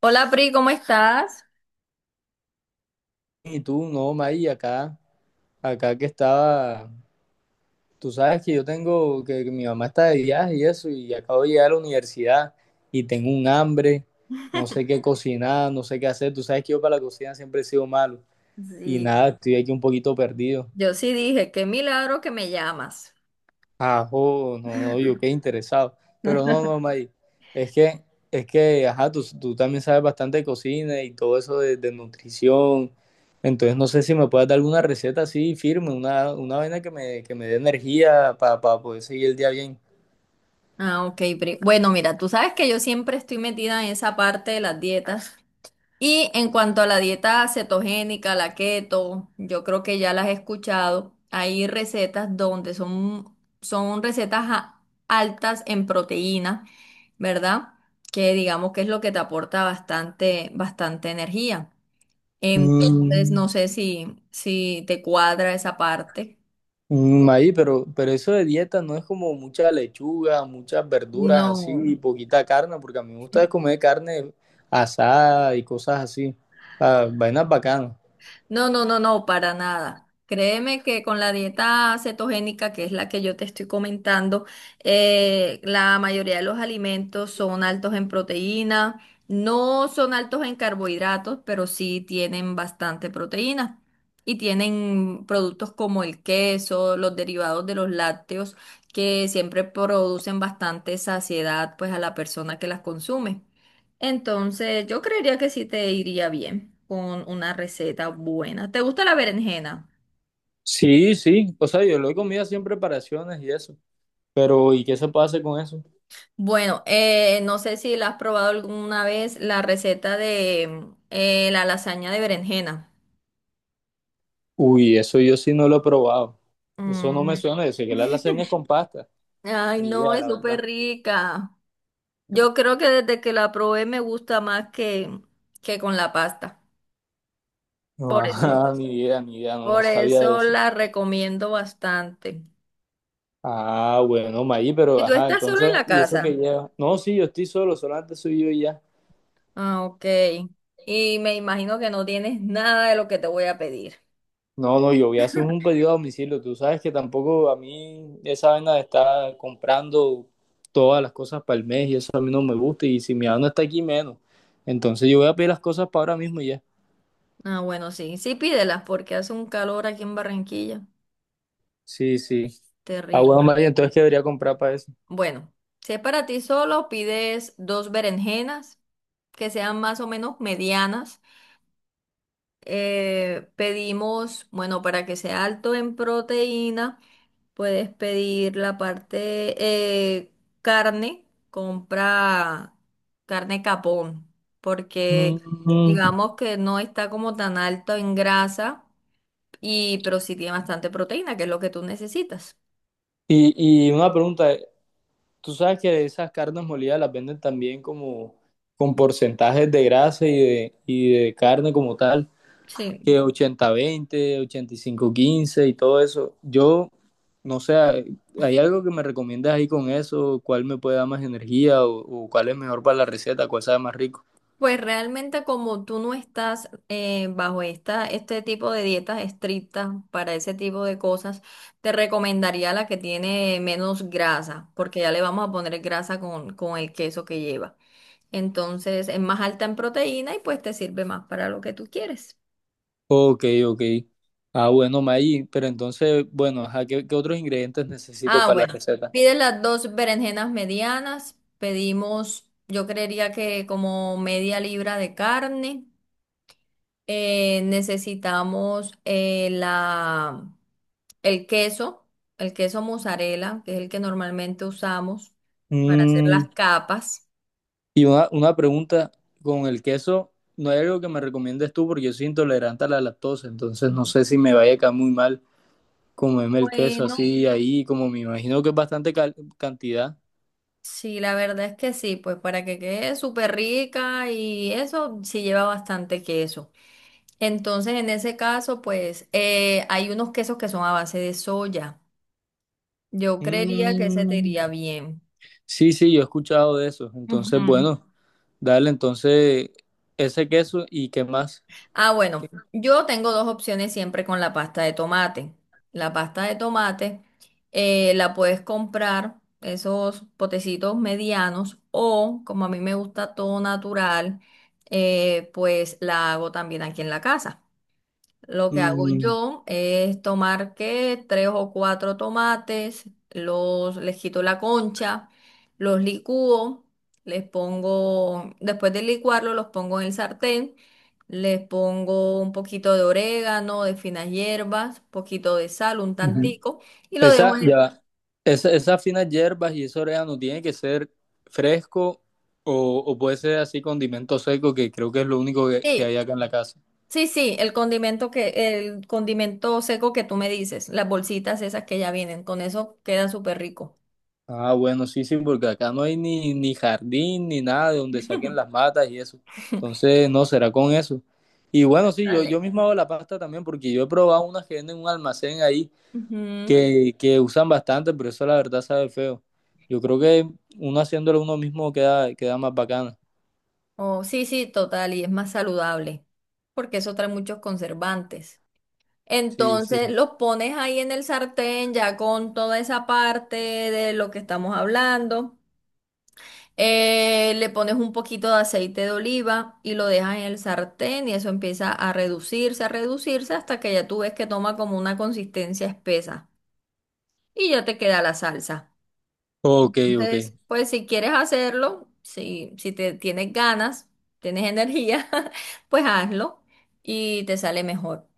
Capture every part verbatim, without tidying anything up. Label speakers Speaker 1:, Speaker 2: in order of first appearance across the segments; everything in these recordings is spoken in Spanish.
Speaker 1: Hola Pri, ¿cómo estás?
Speaker 2: Y tú, no, May, acá, acá que estaba, tú sabes que yo tengo, que, que mi mamá está de viaje y eso, y acabo de llegar a la universidad y tengo un hambre, no sé qué cocinar, no sé qué hacer, tú sabes que yo para la cocina siempre he sido malo y
Speaker 1: Sí.
Speaker 2: nada, estoy aquí un poquito perdido.
Speaker 1: Yo sí dije, qué milagro que me llamas.
Speaker 2: Ajá, no, no, yo qué interesado. Pero no, no, May, es que, es que, ajá, tú, tú también sabes bastante de cocina y todo eso de, de nutrición. Entonces, no sé si me puedes dar alguna receta así firme, una, una vaina que me, que me dé energía para poder seguir el día bien.
Speaker 1: Ah, ok, Pri. Bueno, mira, tú sabes que yo siempre estoy metida en esa parte de las dietas. Y en cuanto a la dieta cetogénica, la keto, yo creo que ya las he escuchado. Hay recetas donde son, son recetas a- altas en proteína, ¿verdad? Que digamos que es lo que te aporta bastante, bastante energía. Entonces,
Speaker 2: Mm,
Speaker 1: no sé si, si te cuadra esa parte.
Speaker 2: mm, May, pero, pero eso de dieta no es como mucha lechuga, muchas verduras así
Speaker 1: No,
Speaker 2: y poquita carne, porque a mí me gusta comer carne asada y cosas así. O sea, vainas bacanas.
Speaker 1: No, no, no, no, para nada. Créeme que con la dieta cetogénica, que es la que yo te estoy comentando, eh, la mayoría de los alimentos son altos en proteína, no son altos en carbohidratos, pero sí tienen bastante proteína. Y tienen productos como el queso, los derivados de los lácteos, que siempre producen bastante saciedad, pues, a la persona que las consume. Entonces, yo creería que sí te iría bien con una receta buena. ¿Te gusta la berenjena?
Speaker 2: Sí, sí, o sea, yo lo he comido así en preparaciones y eso, pero ¿y qué se puede hacer con eso?
Speaker 1: Bueno, eh, no sé si la has probado alguna vez la receta de mm, eh, la lasaña de berenjena.
Speaker 2: Uy, eso yo sí no lo he probado, eso no me
Speaker 1: Mm.
Speaker 2: suena, yo sé que la lasaña es con pasta,
Speaker 1: Ay,
Speaker 2: ni
Speaker 1: no,
Speaker 2: idea,
Speaker 1: es
Speaker 2: la
Speaker 1: súper
Speaker 2: verdad.
Speaker 1: rica. Yo creo que desde que la probé me gusta más que, que con la pasta.
Speaker 2: No,
Speaker 1: Por eso,
Speaker 2: ajá, ni idea, ni idea, no no
Speaker 1: por
Speaker 2: sabía de
Speaker 1: eso
Speaker 2: eso.
Speaker 1: la recomiendo bastante.
Speaker 2: Ah, bueno, Maí, pero
Speaker 1: ¿Y tú
Speaker 2: ajá,
Speaker 1: estás solo en
Speaker 2: entonces,
Speaker 1: la
Speaker 2: ¿y eso que
Speaker 1: casa?
Speaker 2: lleva? No, sí, yo estoy solo, solamente soy yo y ya.
Speaker 1: Ah, ok. Y me imagino que no tienes nada de lo que te voy a pedir.
Speaker 2: No, no, yo voy a hacer un pedido a domicilio. Tú sabes que tampoco a mí esa vaina de estar comprando todas las cosas para el mes y eso a mí no me gusta. Y si mi mamá no está aquí, menos. Entonces yo voy a pedir las cosas para ahora mismo y ya.
Speaker 1: Ah, bueno, sí, sí pídelas porque hace un calor aquí en Barranquilla.
Speaker 2: Sí, sí. Ah, bueno,
Speaker 1: Terrible.
Speaker 2: María, entonces ¿qué debería comprar para eso?
Speaker 1: Bueno, si es para ti solo, pides dos berenjenas que sean más o menos medianas. Eh, pedimos, bueno, para que sea alto en proteína. Puedes pedir la parte eh, carne, compra carne capón, porque
Speaker 2: Mm.
Speaker 1: digamos que no está como tan alto en grasa, y, pero sí tiene bastante proteína, que es lo que tú necesitas.
Speaker 2: Y, y una pregunta, tú sabes que esas carnes molidas las venden también como con porcentajes de grasa y de, y de carne como tal. Que
Speaker 1: Sí.
Speaker 2: ochenta veinte, ochenta y cinco quince y todo eso. Yo, no sé, ¿hay algo que me recomiendas ahí con eso? ¿Cuál me puede dar más energía o, o cuál es mejor para la receta? ¿Cuál sabe más rico?
Speaker 1: Pues realmente como tú no estás eh, bajo esta, este tipo de dietas estrictas para ese tipo de cosas, te recomendaría la que tiene menos grasa, porque ya le vamos a poner grasa con, con el queso que lleva. Entonces es más alta en proteína y pues te sirve más para lo que tú quieres.
Speaker 2: Ok, ok. Ah, bueno, Maggi, pero entonces, bueno, ajá, ¿qué, qué otros ingredientes necesito
Speaker 1: Ah,
Speaker 2: para la
Speaker 1: bueno,
Speaker 2: receta?
Speaker 1: pides las dos berenjenas medianas, pedimos, yo creería que como media libra de carne, eh, necesitamos eh, la, el queso, el queso mozzarella, que es el que normalmente usamos para hacer
Speaker 2: Mm,
Speaker 1: las capas.
Speaker 2: y una, una pregunta con el queso, ¿no hay algo que me recomiendes tú? Porque yo soy intolerante a la lactosa, entonces no sé si me vaya a caer muy mal comerme el queso
Speaker 1: Bueno.
Speaker 2: así ahí, como me imagino que es bastante cal- cantidad.
Speaker 1: Sí, la verdad es que sí, pues para que quede súper rica y eso sí lleva bastante queso. Entonces, en ese caso, pues eh, hay unos quesos que son a base de soya. Yo creería que ese te
Speaker 2: Mm,
Speaker 1: iría bien.
Speaker 2: sí, sí, yo he escuchado de eso. Entonces,
Speaker 1: Ujú.
Speaker 2: bueno, dale entonces ese queso y qué más.
Speaker 1: Ah,
Speaker 2: ¿Qué?
Speaker 1: bueno, yo tengo dos opciones siempre con la pasta de tomate. La pasta de tomate eh, la puedes comprar, esos potecitos medianos, o como a mí me gusta todo natural, eh, pues la hago también aquí en la casa. Lo que hago
Speaker 2: Mm,
Speaker 1: yo es tomar que tres o cuatro tomates, los les quito la concha, los licúo, les pongo, después de licuarlo, los pongo en el sartén, les pongo un poquito de orégano, de finas hierbas, poquito de sal, un
Speaker 2: ujú.
Speaker 1: tantico, y lo dejo
Speaker 2: Esa,
Speaker 1: en
Speaker 2: ya,
Speaker 1: el,
Speaker 2: va. Esa, esas finas hierbas y ese orégano tiene que ser fresco o, o puede ser así condimento seco, que creo que es lo único que, que hay
Speaker 1: sí,
Speaker 2: acá en la casa.
Speaker 1: sí, sí, el condimento que, el condimento seco que tú me dices, las bolsitas esas que ya vienen, con eso queda súper rico.
Speaker 2: Ah, bueno, sí, sí, porque acá no hay ni, ni jardín ni nada de donde saquen las matas y eso. Entonces, no, será con eso. Y bueno, sí, yo, yo
Speaker 1: Dale.
Speaker 2: mismo hago la pasta también porque yo he probado unas que venden en un almacén ahí
Speaker 1: Ujú.
Speaker 2: que, que usan bastante, pero eso la verdad sabe feo. Yo creo que uno haciéndolo uno mismo queda, queda más bacana.
Speaker 1: Oh, sí, sí, total, y es más saludable, porque eso trae muchos conservantes.
Speaker 2: Sí, sí.
Speaker 1: Entonces los pones ahí en el sartén, ya con toda esa parte de lo que estamos hablando. Eh, le pones un poquito de aceite de oliva y lo dejas en el sartén y eso empieza a reducirse, a reducirse hasta que ya tú ves que toma como una consistencia espesa y ya te queda la salsa.
Speaker 2: Ok, ok.
Speaker 1: Entonces, pues si quieres hacerlo, si, si te tienes ganas, tienes energía, pues hazlo y te sale mejor.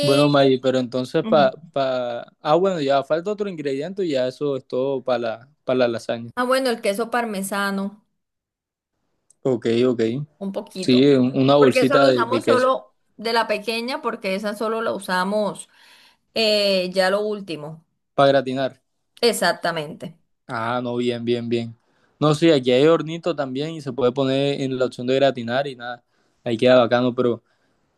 Speaker 2: Bueno, May, pero entonces pa,
Speaker 1: Ujú.
Speaker 2: pa... Ah, bueno, ya falta otro ingrediente y ya eso es todo para la, para la lasaña.
Speaker 1: Ah, bueno, el queso parmesano,
Speaker 2: Ok, ok.
Speaker 1: un
Speaker 2: Sí,
Speaker 1: poquito,
Speaker 2: un- una
Speaker 1: porque eso
Speaker 2: bolsita
Speaker 1: lo
Speaker 2: de, de
Speaker 1: usamos
Speaker 2: queso
Speaker 1: solo de la pequeña, porque esa solo la usamos eh, ya lo último.
Speaker 2: para gratinar.
Speaker 1: Exactamente.
Speaker 2: Ah, no, bien, bien, bien. No, sí, aquí hay hornito también y se puede poner en la opción de gratinar y nada. Ahí queda bacano, pero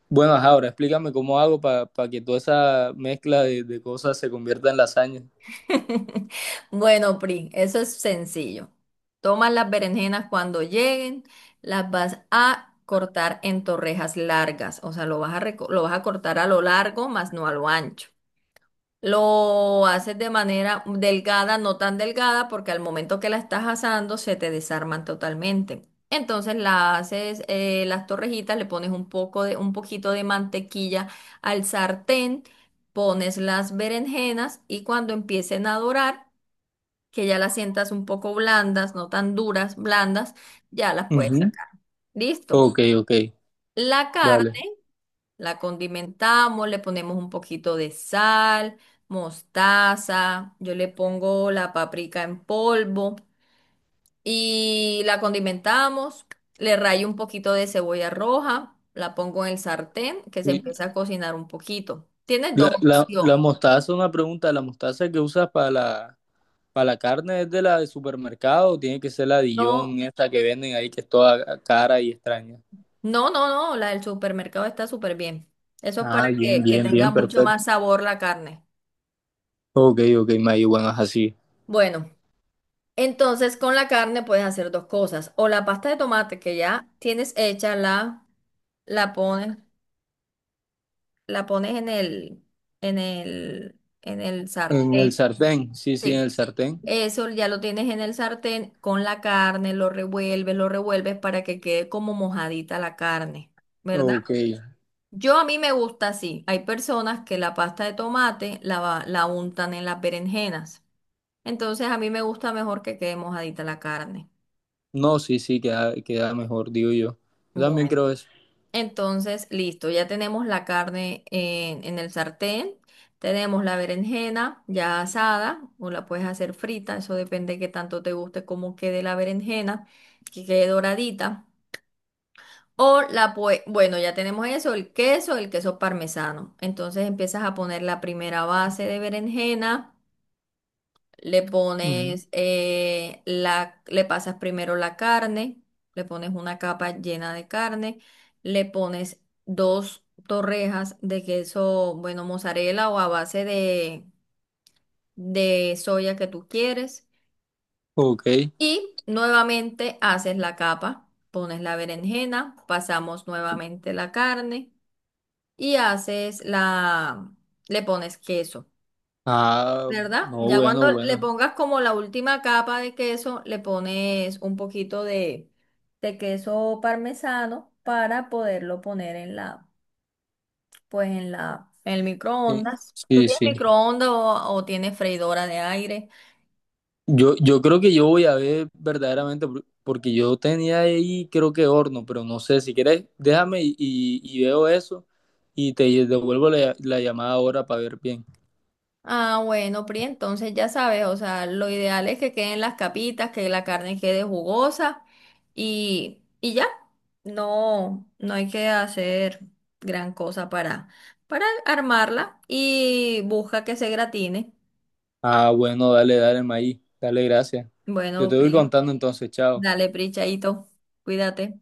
Speaker 2: bueno, ajá, ahora explícame cómo hago para que toda esa mezcla de, de cosas se convierta en lasaña.
Speaker 1: Bueno, Pri, eso es sencillo. Tomas las berenjenas cuando lleguen, las vas a cortar en torrejas largas, o sea, lo vas a, reco- lo vas a cortar a lo largo, más no a lo ancho. Lo haces de manera delgada, no tan delgada, porque al momento que la estás asando se te desarman totalmente. Entonces la haces eh, las torrejitas, le pones un poco de, un poquito de mantequilla al sartén, pones las berenjenas y cuando empiecen a dorar, que ya las sientas un poco blandas, no tan duras, blandas, ya las puedes
Speaker 2: Ujú.
Speaker 1: sacar. Listo.
Speaker 2: Ok, ok,
Speaker 1: La carne.
Speaker 2: dale.
Speaker 1: La condimentamos, le ponemos un poquito de sal, mostaza, yo le pongo la paprika en polvo y la condimentamos, le rayo un poquito de cebolla roja, la pongo en el sartén que se
Speaker 2: Y
Speaker 1: empieza a cocinar un poquito. Tienes
Speaker 2: La,
Speaker 1: dos
Speaker 2: la,
Speaker 1: opciones.
Speaker 2: la mostaza, una pregunta, ¿la mostaza que usas para la, para la carne es de la de supermercado o tiene que ser la Dijon,
Speaker 1: No,
Speaker 2: esta que venden ahí que es toda cara y extraña?
Speaker 1: no, no, no, la del supermercado está súper bien. Eso es para
Speaker 2: Ah, bien,
Speaker 1: que, que
Speaker 2: bien,
Speaker 1: tenga
Speaker 2: bien,
Speaker 1: mucho más
Speaker 2: perfecto.
Speaker 1: sabor la carne.
Speaker 2: Ok, ok, mayuganas así.
Speaker 1: Bueno. Entonces, con la carne puedes hacer dos cosas. O la pasta de tomate que ya tienes hecha, la, la pones, la pones en el, en el, en el
Speaker 2: En el
Speaker 1: sartén.
Speaker 2: sartén, sí, sí, en el
Speaker 1: Sí.
Speaker 2: sartén.
Speaker 1: Eso ya lo tienes en el sartén con la carne, lo revuelves, lo revuelves para que quede como mojadita la carne, ¿verdad?
Speaker 2: Ok.
Speaker 1: Yo a mí me gusta así. Hay personas que la pasta de tomate la, va- la untan en las berenjenas. Entonces a mí me gusta mejor que quede mojadita la carne.
Speaker 2: No, sí, sí, queda, queda mejor, digo yo. Yo también
Speaker 1: Bueno.
Speaker 2: creo eso.
Speaker 1: Entonces, listo, ya tenemos la carne en, en el sartén, tenemos la berenjena ya asada o la puedes hacer frita, eso depende de qué tanto te guste cómo quede la berenjena, que quede doradita. O la puedes, bueno, ya tenemos eso, el queso, el queso parmesano. Entonces empiezas a poner la primera base de berenjena. Le
Speaker 2: Ujú.
Speaker 1: pones, eh, la, le pasas primero la carne, le pones una capa llena de carne, le pones dos torrejas de queso, bueno, mozzarella o a base de, de soya que tú quieres.
Speaker 2: Ok.
Speaker 1: Y nuevamente haces la capa, pones la berenjena, pasamos nuevamente la carne y haces la, le pones queso.
Speaker 2: Ah,
Speaker 1: ¿Verdad?
Speaker 2: no,
Speaker 1: Ya cuando
Speaker 2: bueno,
Speaker 1: le
Speaker 2: bueno.
Speaker 1: pongas como la última capa de queso, le pones un poquito de, de queso parmesano para poderlo poner en la, pues en la, en el
Speaker 2: Sí,
Speaker 1: microondas. ¿Tú
Speaker 2: sí,
Speaker 1: tienes
Speaker 2: sí.
Speaker 1: microondas o, o tienes freidora de aire?
Speaker 2: Yo, yo creo que yo voy a ver verdaderamente, por- porque yo tenía ahí, creo que horno, pero no sé, si quieres, déjame y, y- y veo eso y te devuelvo la, la llamada ahora para ver bien.
Speaker 1: Ah, bueno, Pri, entonces ya sabes, o sea, lo ideal es que queden las capitas, que la carne quede jugosa y, y ya. No, no hay que hacer gran cosa para, para armarla y busca que se gratine.
Speaker 2: Ah, bueno, dale, dale, Maí. Dale, gracias. Yo
Speaker 1: Bueno,
Speaker 2: te voy
Speaker 1: Pri,
Speaker 2: contando entonces, chao.
Speaker 1: dale, Pri, chaito, cuídate.